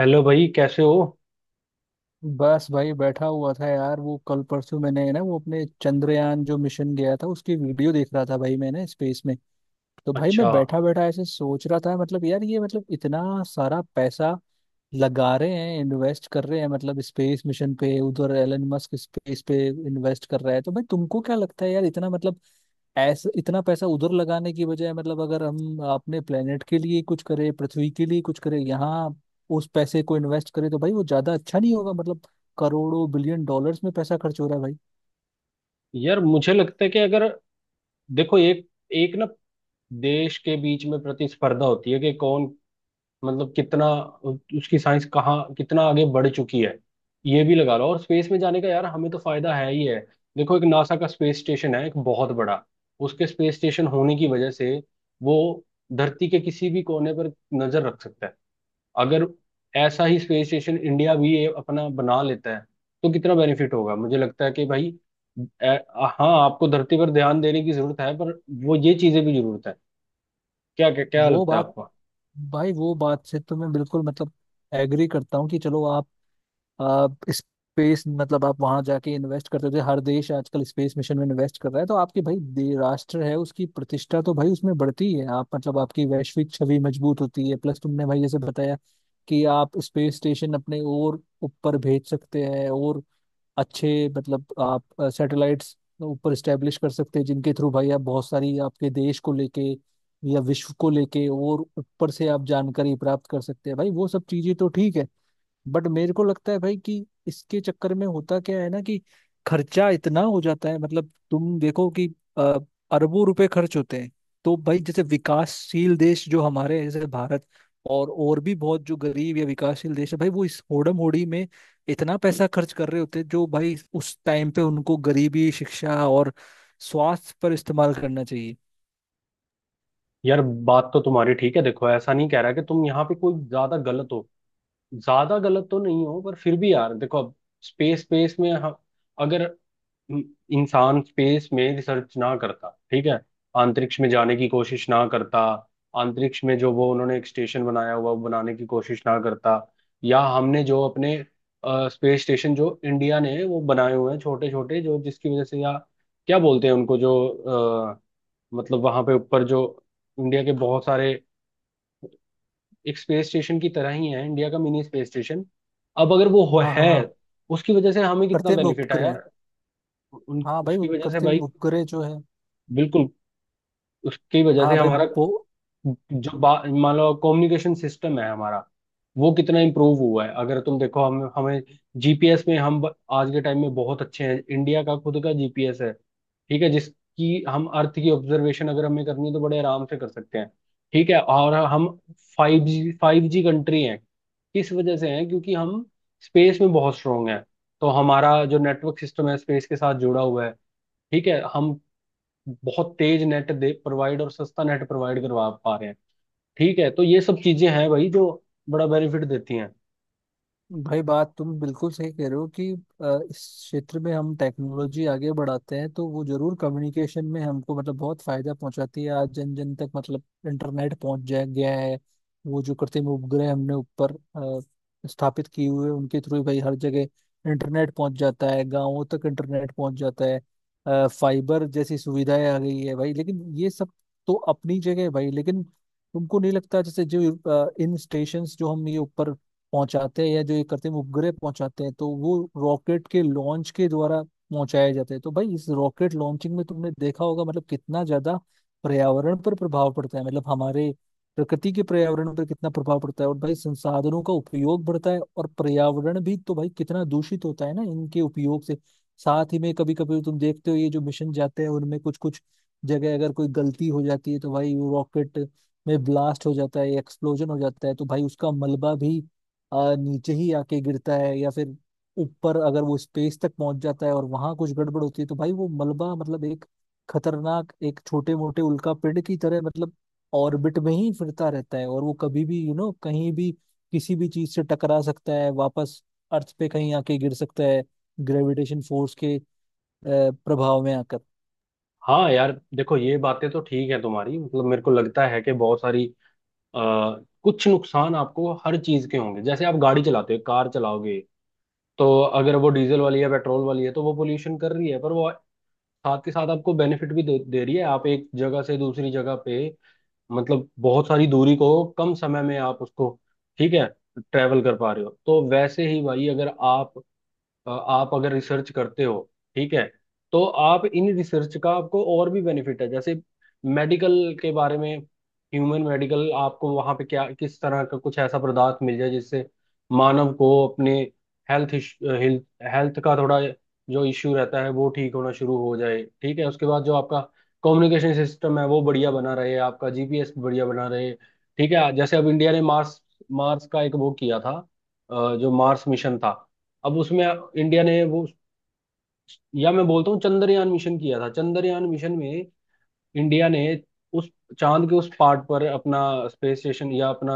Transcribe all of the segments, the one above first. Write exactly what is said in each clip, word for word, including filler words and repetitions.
Hello भाई कैसे हो। बस भाई बैठा हुआ था यार। वो कल परसों मैंने है ना, वो अपने चंद्रयान जो मिशन गया था उसकी वीडियो देख रहा था भाई मैंने स्पेस में। तो भाई अच्छा। मैं बैठा बैठा ऐसे सोच रहा था, मतलब यार ये मतलब इतना सारा पैसा लगा रहे हैं, इन्वेस्ट कर रहे हैं, मतलब स्पेस मिशन पे, उधर एलन मस्क स्पेस पे इन्वेस्ट कर रहा है। तो भाई तुमको क्या लगता है यार, इतना मतलब ऐसा इतना पैसा उधर लगाने की बजाय, मतलब अगर हम अपने प्लेनेट के लिए कुछ करें, पृथ्वी के लिए कुछ करें, यहाँ उस पैसे को इन्वेस्ट करें तो भाई वो ज्यादा अच्छा नहीं होगा मतलब? करोड़ों बिलियन डॉलर्स में पैसा खर्च हो रहा है भाई। यार मुझे लगता है कि अगर देखो एक एक ना, देश के बीच में प्रतिस्पर्धा होती है कि कौन, मतलब कितना उसकी साइंस कहाँ कितना आगे बढ़ चुकी है, ये भी लगा लो। और स्पेस में जाने का यार हमें तो फायदा है ही है। देखो एक नासा का स्पेस स्टेशन है, एक बहुत बड़ा। उसके स्पेस स्टेशन होने की वजह से वो धरती के किसी भी कोने पर नजर रख सकता है। अगर ऐसा ही स्पेस स्टेशन इंडिया भी ये अपना बना लेता है तो कितना बेनिफिट होगा। मुझे लगता है कि भाई ए, हाँ, आपको धरती पर ध्यान देने की जरूरत है, पर वो ये चीजें भी जरूरत है। क्या क्या, क्या वो लगता है बात, आपको। भाई वो बात से तो मैं बिल्कुल मतलब एग्री करता हूँ कि चलो आप आप स्पेस मतलब आप वहां जाके इन्वेस्ट करते थे, हर देश आजकल स्पेस मिशन में इन्वेस्ट कर रहा है तो आपकी भाई दे- राष्ट्र है उसकी प्रतिष्ठा तो भाई उसमें बढ़ती है, आप मतलब आपकी वैश्विक छवि मजबूत होती है। प्लस तुमने भाई जैसे बताया कि आप स्पेस स्टेशन अपने और ऊपर भेज सकते हैं और अच्छे मतलब आप सैटेलाइट्स ऊपर स्टेब्लिश कर सकते हैं, जिनके थ्रू भाई आप बहुत सारी आपके देश को लेके या विश्व को लेके और ऊपर से आप जानकारी प्राप्त कर सकते हैं। भाई वो सब चीजें तो ठीक है बट मेरे को लगता है भाई कि इसके चक्कर में होता क्या है ना कि खर्चा इतना हो जाता है। मतलब तुम देखो कि अ, अरबों रुपए खर्च होते हैं। तो भाई जैसे विकासशील देश जो हमारे हैं, जैसे भारत और और भी बहुत जो गरीब या विकासशील देश है भाई वो इस होड़म होड़ी में इतना पैसा खर्च कर रहे होते हैं, जो भाई उस टाइम पे उनको गरीबी, शिक्षा और स्वास्थ्य पर इस्तेमाल करना चाहिए। यार बात तो तुम्हारी ठीक है। देखो, ऐसा नहीं कह रहा कि तुम यहाँ पे कोई ज्यादा गलत हो। ज्यादा गलत तो नहीं हो, पर फिर भी यार देखो अब स्पेस स्पेस में हम अगर, इंसान स्पेस में रिसर्च ना करता, ठीक है, अंतरिक्ष में जाने की कोशिश ना करता, अंतरिक्ष में जो वो उन्होंने एक स्टेशन बनाया हुआ वो बनाने की कोशिश ना करता, या हमने जो अपने स्पेस स्टेशन जो इंडिया ने वो बनाए हुए हैं छोटे छोटे, जो जिसकी वजह से, या क्या बोलते हैं उनको जो अ, मतलब वहां पे ऊपर जो इंडिया के बहुत सारे, एक स्पेस स्टेशन की तरह ही है इंडिया का मिनी स्पेस स्टेशन। अब अगर वो हो- हाँ हाँ है, हाँ। उसकी वजह से हमें कितना कृत्रिम बेनिफिट है उपग्रह। यार। उन हाँ भाई उसकी उन वजह से भाई कृत्रिम उपग्रह जो है। बिल्कुल उसकी वजह हाँ से भाई हमारा वो। जो बा- मान लो कम्युनिकेशन सिस्टम है हमारा, वो कितना इम्प्रूव हुआ है। अगर तुम देखो हम हमें जीपीएस में हम ब- आज के टाइम में बहुत अच्छे हैं। इंडिया का खुद का जी पी एस है, ठीक है, जिसकी हम अर्थ की ऑब्जर्वेशन अगर हमें करनी है तो बड़े आराम से कर सकते हैं। ठीक है। और हम five G five G country हैं। किस वजह से हैं? क्योंकि हम स्पेस में बहुत स्ट्रांग हैं। तो हमारा जो नेटवर्क सिस्टम है स्पेस के साथ जुड़ा हुआ है। ठीक है। हम बहुत तेज नेट दे प्रोवाइड और सस्ता नेट प्रोवाइड करवा पा रहे हैं। ठीक है। तो ये सब चीजें हैं भाई जो बड़ा बेनिफिट देती हैं। भाई बात तुम बिल्कुल सही कह रहे हो कि अ, इस क्षेत्र में हम टेक्नोलॉजी आगे बढ़ाते हैं तो वो जरूर कम्युनिकेशन में हमको मतलब बहुत फायदा पहुंचाती है। आज जन जन तक मतलब इंटरनेट पहुंच जा गया है। वो जो कृत्रिम उपग्रह हमने ऊपर अ, स्थापित किए हुए हैं, उनके थ्रू भाई हर जगह इंटरनेट पहुंच जाता है, गाँवों तक इंटरनेट पहुंच जाता है। अ, फाइबर जैसी सुविधाएं आ गई है भाई। लेकिन ये सब तो अपनी जगह है भाई, लेकिन तुमको नहीं लगता जैसे जो अ, इन स्टेशंस जो हम ये ऊपर पहुंचाते हैं या जो ये करते हैं वो उपग्रह पहुंचाते हैं तो वो रॉकेट के लॉन्च के द्वारा पहुंचाए जाते हैं, तो भाई इस रॉकेट लॉन्चिंग में तुमने देखा होगा मतलब कितना ज्यादा पर्यावरण पर प्रभाव पड़ता है। मतलब हमारे प्रकृति के पर्यावरण पर कितना प्रभाव पड़ता है और भाई संसाधनों का उपयोग बढ़ता है, और पर्यावरण भी तो भाई कितना दूषित होता है ना इनके उपयोग से। साथ ही में कभी कभी तुम देखते हो ये जो मिशन जाते हैं उनमें कुछ कुछ जगह अगर कोई गलती हो जाती है तो भाई वो रॉकेट में ब्लास्ट हो जाता है, एक्सप्लोजन हो जाता है, तो भाई उसका मलबा भी आ, नीचे ही आके गिरता है या फिर ऊपर अगर वो स्पेस तक पहुंच जाता है और वहां कुछ गड़बड़ होती है तो भाई वो मलबा मतलब एक खतरनाक एक छोटे मोटे उल्का पिंड की तरह मतलब ऑर्बिट में ही फिरता रहता है और वो कभी भी यू नो कहीं भी किसी भी चीज से टकरा सकता है, वापस अर्थ पे कहीं आके गिर सकता है ग्रेविटेशन फोर्स के अ, प्रभाव में आकर। हाँ यार देखो ये बातें तो ठीक है तुम्हारी, मतलब मेरे को लगता है कि बहुत सारी आ, कुछ नुकसान आपको हर चीज के होंगे। जैसे आप गाड़ी चलाते हो, कार चलाओगे तो अगर वो डीजल वाली है, पेट्रोल वाली है, तो वो पोल्यूशन कर रही है, पर वो साथ के साथ आपको बेनिफिट भी दे, दे रही है। आप एक जगह से दूसरी जगह पे, मतलब बहुत सारी दूरी को कम समय में आप उसको, ठीक है, ट्रैवल कर पा रहे हो। तो वैसे ही भाई अगर आप अ, आप अगर रिसर्च करते हो, ठीक है, तो आप इन रिसर्च का आपको और भी बेनिफिट है। जैसे मेडिकल के बारे में, ह्यूमन मेडिकल, आपको वहाँ पे क्या किस तरह का कुछ ऐसा पदार्थ मिल जाए जिससे मानव को अपने हेल्थ हेल्थ हेल्थ का थोड़ा जो इश्यू रहता है वो ठीक होना शुरू हो जाए। ठीक है। उसके बाद जो आपका कम्युनिकेशन सिस्टम है वो बढ़िया बना रहे, आपका जी पी एस बढ़िया बना रहे। ठीक है। जैसे अब इंडिया ने मार्स मार्स का एक वो किया था, अ, जो मार्स मिशन था। अब उसमें इंडिया ने वो, या मैं बोलता हूँ चंद्रयान मिशन किया था। चंद्रयान मिशन में इंडिया ने उस चांद के उस पार्ट पर अपना स्पेस स्टेशन, या अपना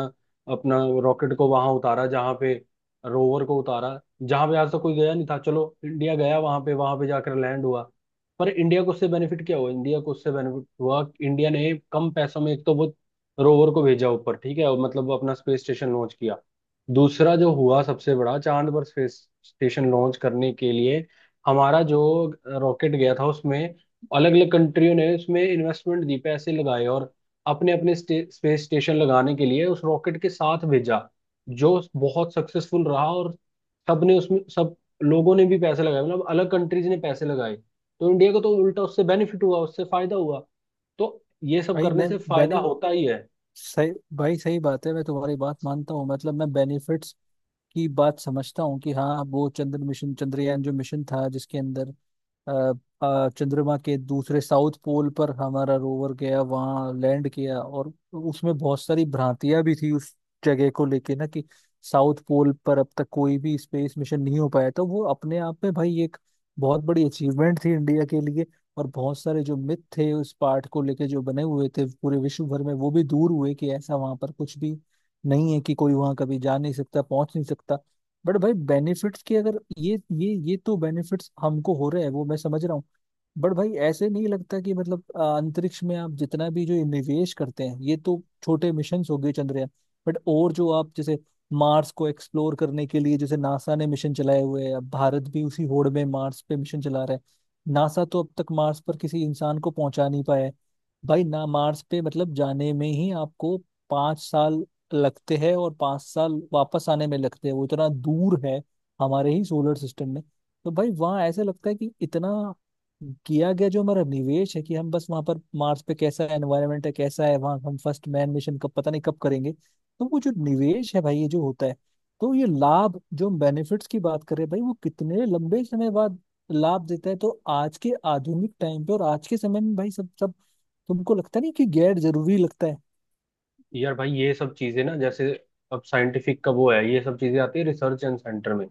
अपना रॉकेट को वहां उतारा, जहां पे रोवर को उतारा, जहां पे आज तक कोई गया नहीं था। चलो इंडिया गया वहां पे, वहां पे जाकर लैंड हुआ। पर इंडिया को उससे बेनिफिट क्या हुआ? इंडिया को उससे बेनिफिट हुआ कि इंडिया ने कम पैसों में एक तो वो रोवर को भेजा ऊपर, ठीक है, और मतलब वो अपना स्पेस स्टेशन लॉन्च किया। दूसरा जो हुआ सबसे बड़ा, चांद पर स्पेस स्टेशन लॉन्च करने के लिए हमारा जो रॉकेट गया था, उसमें अलग अलग कंट्रियों ने उसमें इन्वेस्टमेंट दी, पैसे लगाए, और अपने अपने स्पेस स्टेशन लगाने के लिए उस रॉकेट के साथ भेजा, जो बहुत सक्सेसफुल रहा। और सबने उसमें, सब लोगों ने भी पैसे लगाए, मतलब अलग कंट्रीज ने पैसे लगाए, तो इंडिया को तो उल्टा उससे बेनिफिट हुआ, उससे फायदा हुआ। तो ये सब भाई करने मैं से फायदा बेनि होता ही है। सही भाई सही बात है, मैं तुम्हारी बात मानता हूँ, मतलब मैं बेनिफिट्स की बात समझता हूँ कि हाँ वो चंद्र मिशन, चंद्रयान जो मिशन था जिसके अंदर अ, अ, चंद्रमा के दूसरे साउथ पोल पर हमारा रोवर गया, वहाँ लैंड किया, और उसमें बहुत सारी भ्रांतियां भी थी उस जगह को लेके ना, कि साउथ पोल पर अब तक कोई भी स्पेस मिशन नहीं हो पाया, तो वो अपने आप में भाई एक बहुत बड़ी अचीवमेंट थी इंडिया के लिए। और बहुत सारे जो मिथ थे उस पार्ट को लेके जो बने हुए थे पूरे विश्व भर में, वो भी दूर हुए कि ऐसा वहां पर कुछ भी नहीं है, कि कोई वहां कभी जा नहीं सकता, पहुंच नहीं सकता। बट भाई बेनिफिट्स की अगर, ये ये ये तो बेनिफिट्स हमको हो रहे हैं वो मैं समझ रहा हूँ, बट भाई ऐसे नहीं लगता कि मतलब अ, अंतरिक्ष में आप जितना भी जो निवेश करते हैं, ये तो छोटे मिशन हो गए चंद्रयान, बट और जो आप जैसे मार्स को एक्सप्लोर करने के लिए जैसे नासा ने मिशन चलाए हुए हैं, अब भारत भी उसी होड़ में मार्स पे मिशन चला रहा है। नासा तो अब तक मार्स पर किसी इंसान को पहुंचा नहीं पाया है भाई। ना मार्स पे मतलब जाने में ही आपको पाँच साल लगते हैं और पाँच साल वापस आने में लगते हैं, वो इतना दूर है हमारे ही सोलर सिस्टम में। तो भाई वहाँ ऐसा लगता है कि इतना किया गया जो हमारा निवेश है, कि हम बस वहां पर मार्स पे कैसा एनवायरनमेंट है, कैसा है वहां, हम फर्स्ट मैन मिशन कब पता नहीं कब करेंगे, तो वो जो निवेश है भाई, ये जो होता है, तो ये लाभ जो हम बेनिफिट्स की बात कर रहे हैं भाई वो कितने लंबे समय बाद लाभ देता है। तो आज के आधुनिक टाइम पे और आज के समय में भाई सब सब तुमको लगता नहीं कि गैर जरूरी लगता है? यार भाई ये सब चीजें ना, जैसे अब साइंटिफिक का वो है, ये सब चीजें आती है रिसर्च एंड सेंटर में।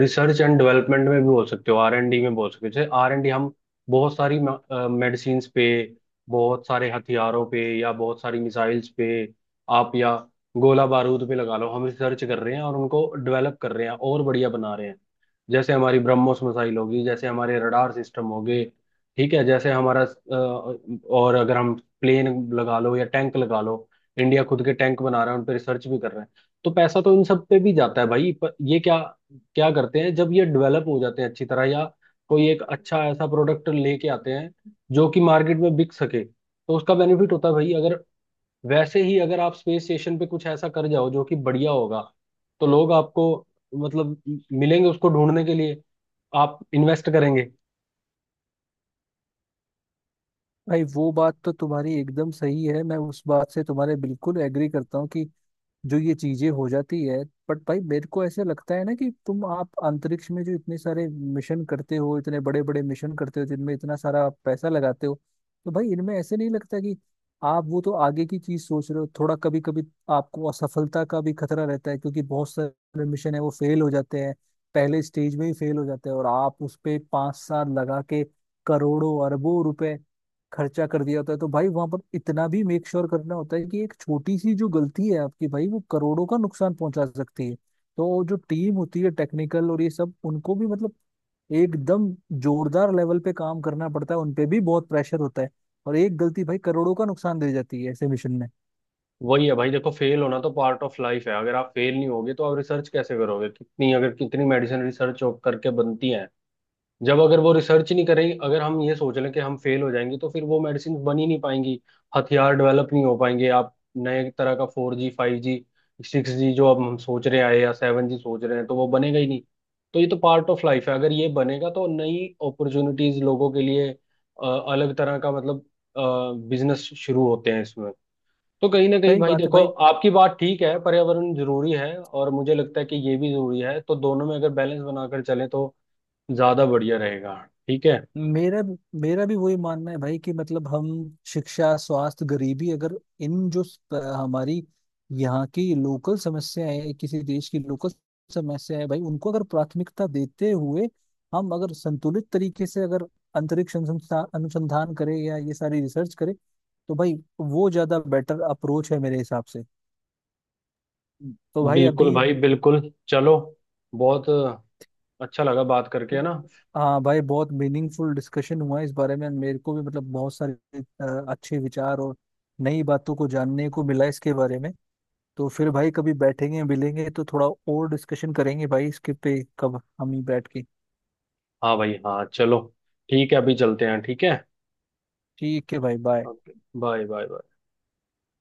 रिसर्च एंड डेवलपमेंट में भी बोल सकते हो, आर एंड डी में बोल सकते हो। जैसे आर एंड डी हम बहुत सारी मेडिसिन्स पे, बहुत सारे हथियारों पे, या बहुत सारी मिसाइल्स पे आप, या गोला बारूद पे लगा लो, हम रिसर्च कर रहे हैं और उनको डेवलप कर रहे हैं और बढ़िया बना रहे हैं। जैसे हमारी ब्रह्मोस मिसाइल होगी, जैसे हमारे रडार सिस्टम हो गए, ठीक है, जैसे हमारा अ, और अगर हम प्लेन लगा लो या टैंक लगा लो, इंडिया खुद के टैंक बना रहा है, उन पर रिसर्च भी कर रहे हैं। तो पैसा तो इन सब पे भी जाता है भाई। पर ये क्या क्या करते हैं जब ये डेवलप हो जाते हैं अच्छी तरह, या कोई एक अच्छा ऐसा प्रोडक्ट लेके आते हैं जो कि मार्केट में बिक सके, तो उसका बेनिफिट होता है भाई। अगर वैसे ही अगर आप स्पेस स्टेशन पे कुछ ऐसा कर जाओ जो कि बढ़िया होगा, तो लोग आपको मतलब मिलेंगे उसको ढूंढने के लिए, आप इन्वेस्ट करेंगे। भाई वो बात तो तुम्हारी एकदम सही है, मैं उस बात से तुम्हारे बिल्कुल एग्री करता हूँ कि जो ये चीजें हो जाती है, बट भाई मेरे को ऐसे लगता है ना कि तुम आप अंतरिक्ष में जो इतने सारे मिशन करते हो, इतने बड़े बड़े मिशन करते हो जिनमें इतना सारा आप पैसा लगाते हो, तो भाई इनमें ऐसे नहीं लगता कि आप वो तो आगे की चीज सोच रहे हो थोड़ा, कभी कभी आपको असफलता का भी खतरा रहता है क्योंकि बहुत सारे मिशन है वो फेल हो जाते हैं, पहले स्टेज में ही फेल हो जाते हैं, और आप उस पे पांच साल लगा के करोड़ों अरबों रुपए खर्चा कर दिया होता है। तो भाई वहां पर इतना भी मेक श्योर करना होता है कि एक छोटी सी जो गलती है आपकी भाई वो करोड़ों का नुकसान पहुंचा सकती है। तो जो टीम होती है टेक्निकल और ये सब, उनको भी मतलब एकदम जोरदार लेवल पे काम करना पड़ता है, उनपे भी बहुत प्रेशर होता है, और एक गलती भाई करोड़ों का नुकसान दे जाती है ऐसे मिशन में। वही है भाई। देखो फेल होना तो पार्ट ऑफ लाइफ है। अगर आप फेल नहीं होगे तो आप रिसर्च कैसे करोगे? कितनी अगर कितनी मेडिसिन रिसर्च करके बनती है, जब अगर वो रिसर्च नहीं करेगी, अगर हम ये सोच लें कि हम फेल हो जाएंगे, तो फिर वो मेडिसिन बन ही नहीं पाएंगी। हथियार डेवलप नहीं हो पाएंगे। आप नए तरह का four G, five G, six G जो अब हम सोच रहे हैं, या सेवन जी सोच रहे हैं, तो वो बनेगा ही नहीं। तो ये तो पार्ट ऑफ लाइफ है। अगर ये बनेगा तो नई अपॉर्चुनिटीज लोगों के लिए, अ, अलग तरह का मतलब बिजनेस शुरू होते हैं इसमें। तो कहीं ना कहीं सही भाई बात है देखो भाई। आपकी बात ठीक है, पर्यावरण जरूरी है, और मुझे लगता है कि ये भी जरूरी है। तो दोनों में अगर बैलेंस बनाकर चले तो ज्यादा बढ़िया रहेगा। ठीक है। मेरा मेरा भी वही मानना है भाई कि मतलब हम शिक्षा, स्वास्थ्य, गरीबी, अगर इन जो स- हमारी यहाँ की लोकल समस्याएं हैं, किसी देश की लोकल समस्याएं हैं, भाई उनको अगर प्राथमिकता देते हुए हम अगर संतुलित तरीके से अगर अंतरिक्ष अनुसंधान अनुसंधान करें या ये सारी रिसर्च करें, तो भाई वो ज्यादा बेटर अप्रोच है मेरे हिसाब से। तो भाई बिल्कुल अभी। भाई बिल्कुल। चलो, बहुत अच्छा लगा बात करके, है ना। हाँ भाई, बहुत मीनिंगफुल डिस्कशन हुआ इस बारे में, मेरे को भी मतलब बहुत सारे अ, अच्छे विचार और नई बातों को जानने को मिला इसके बारे में। तो फिर भाई कभी बैठेंगे मिलेंगे तो थोड़ा और डिस्कशन करेंगे भाई इसके पे, कब हम ही बैठ के। हाँ भाई, हाँ चलो, ठीक है, अभी चलते हैं, ठीक है। ठीक है भाई, bye. Okay. Bye bye bye.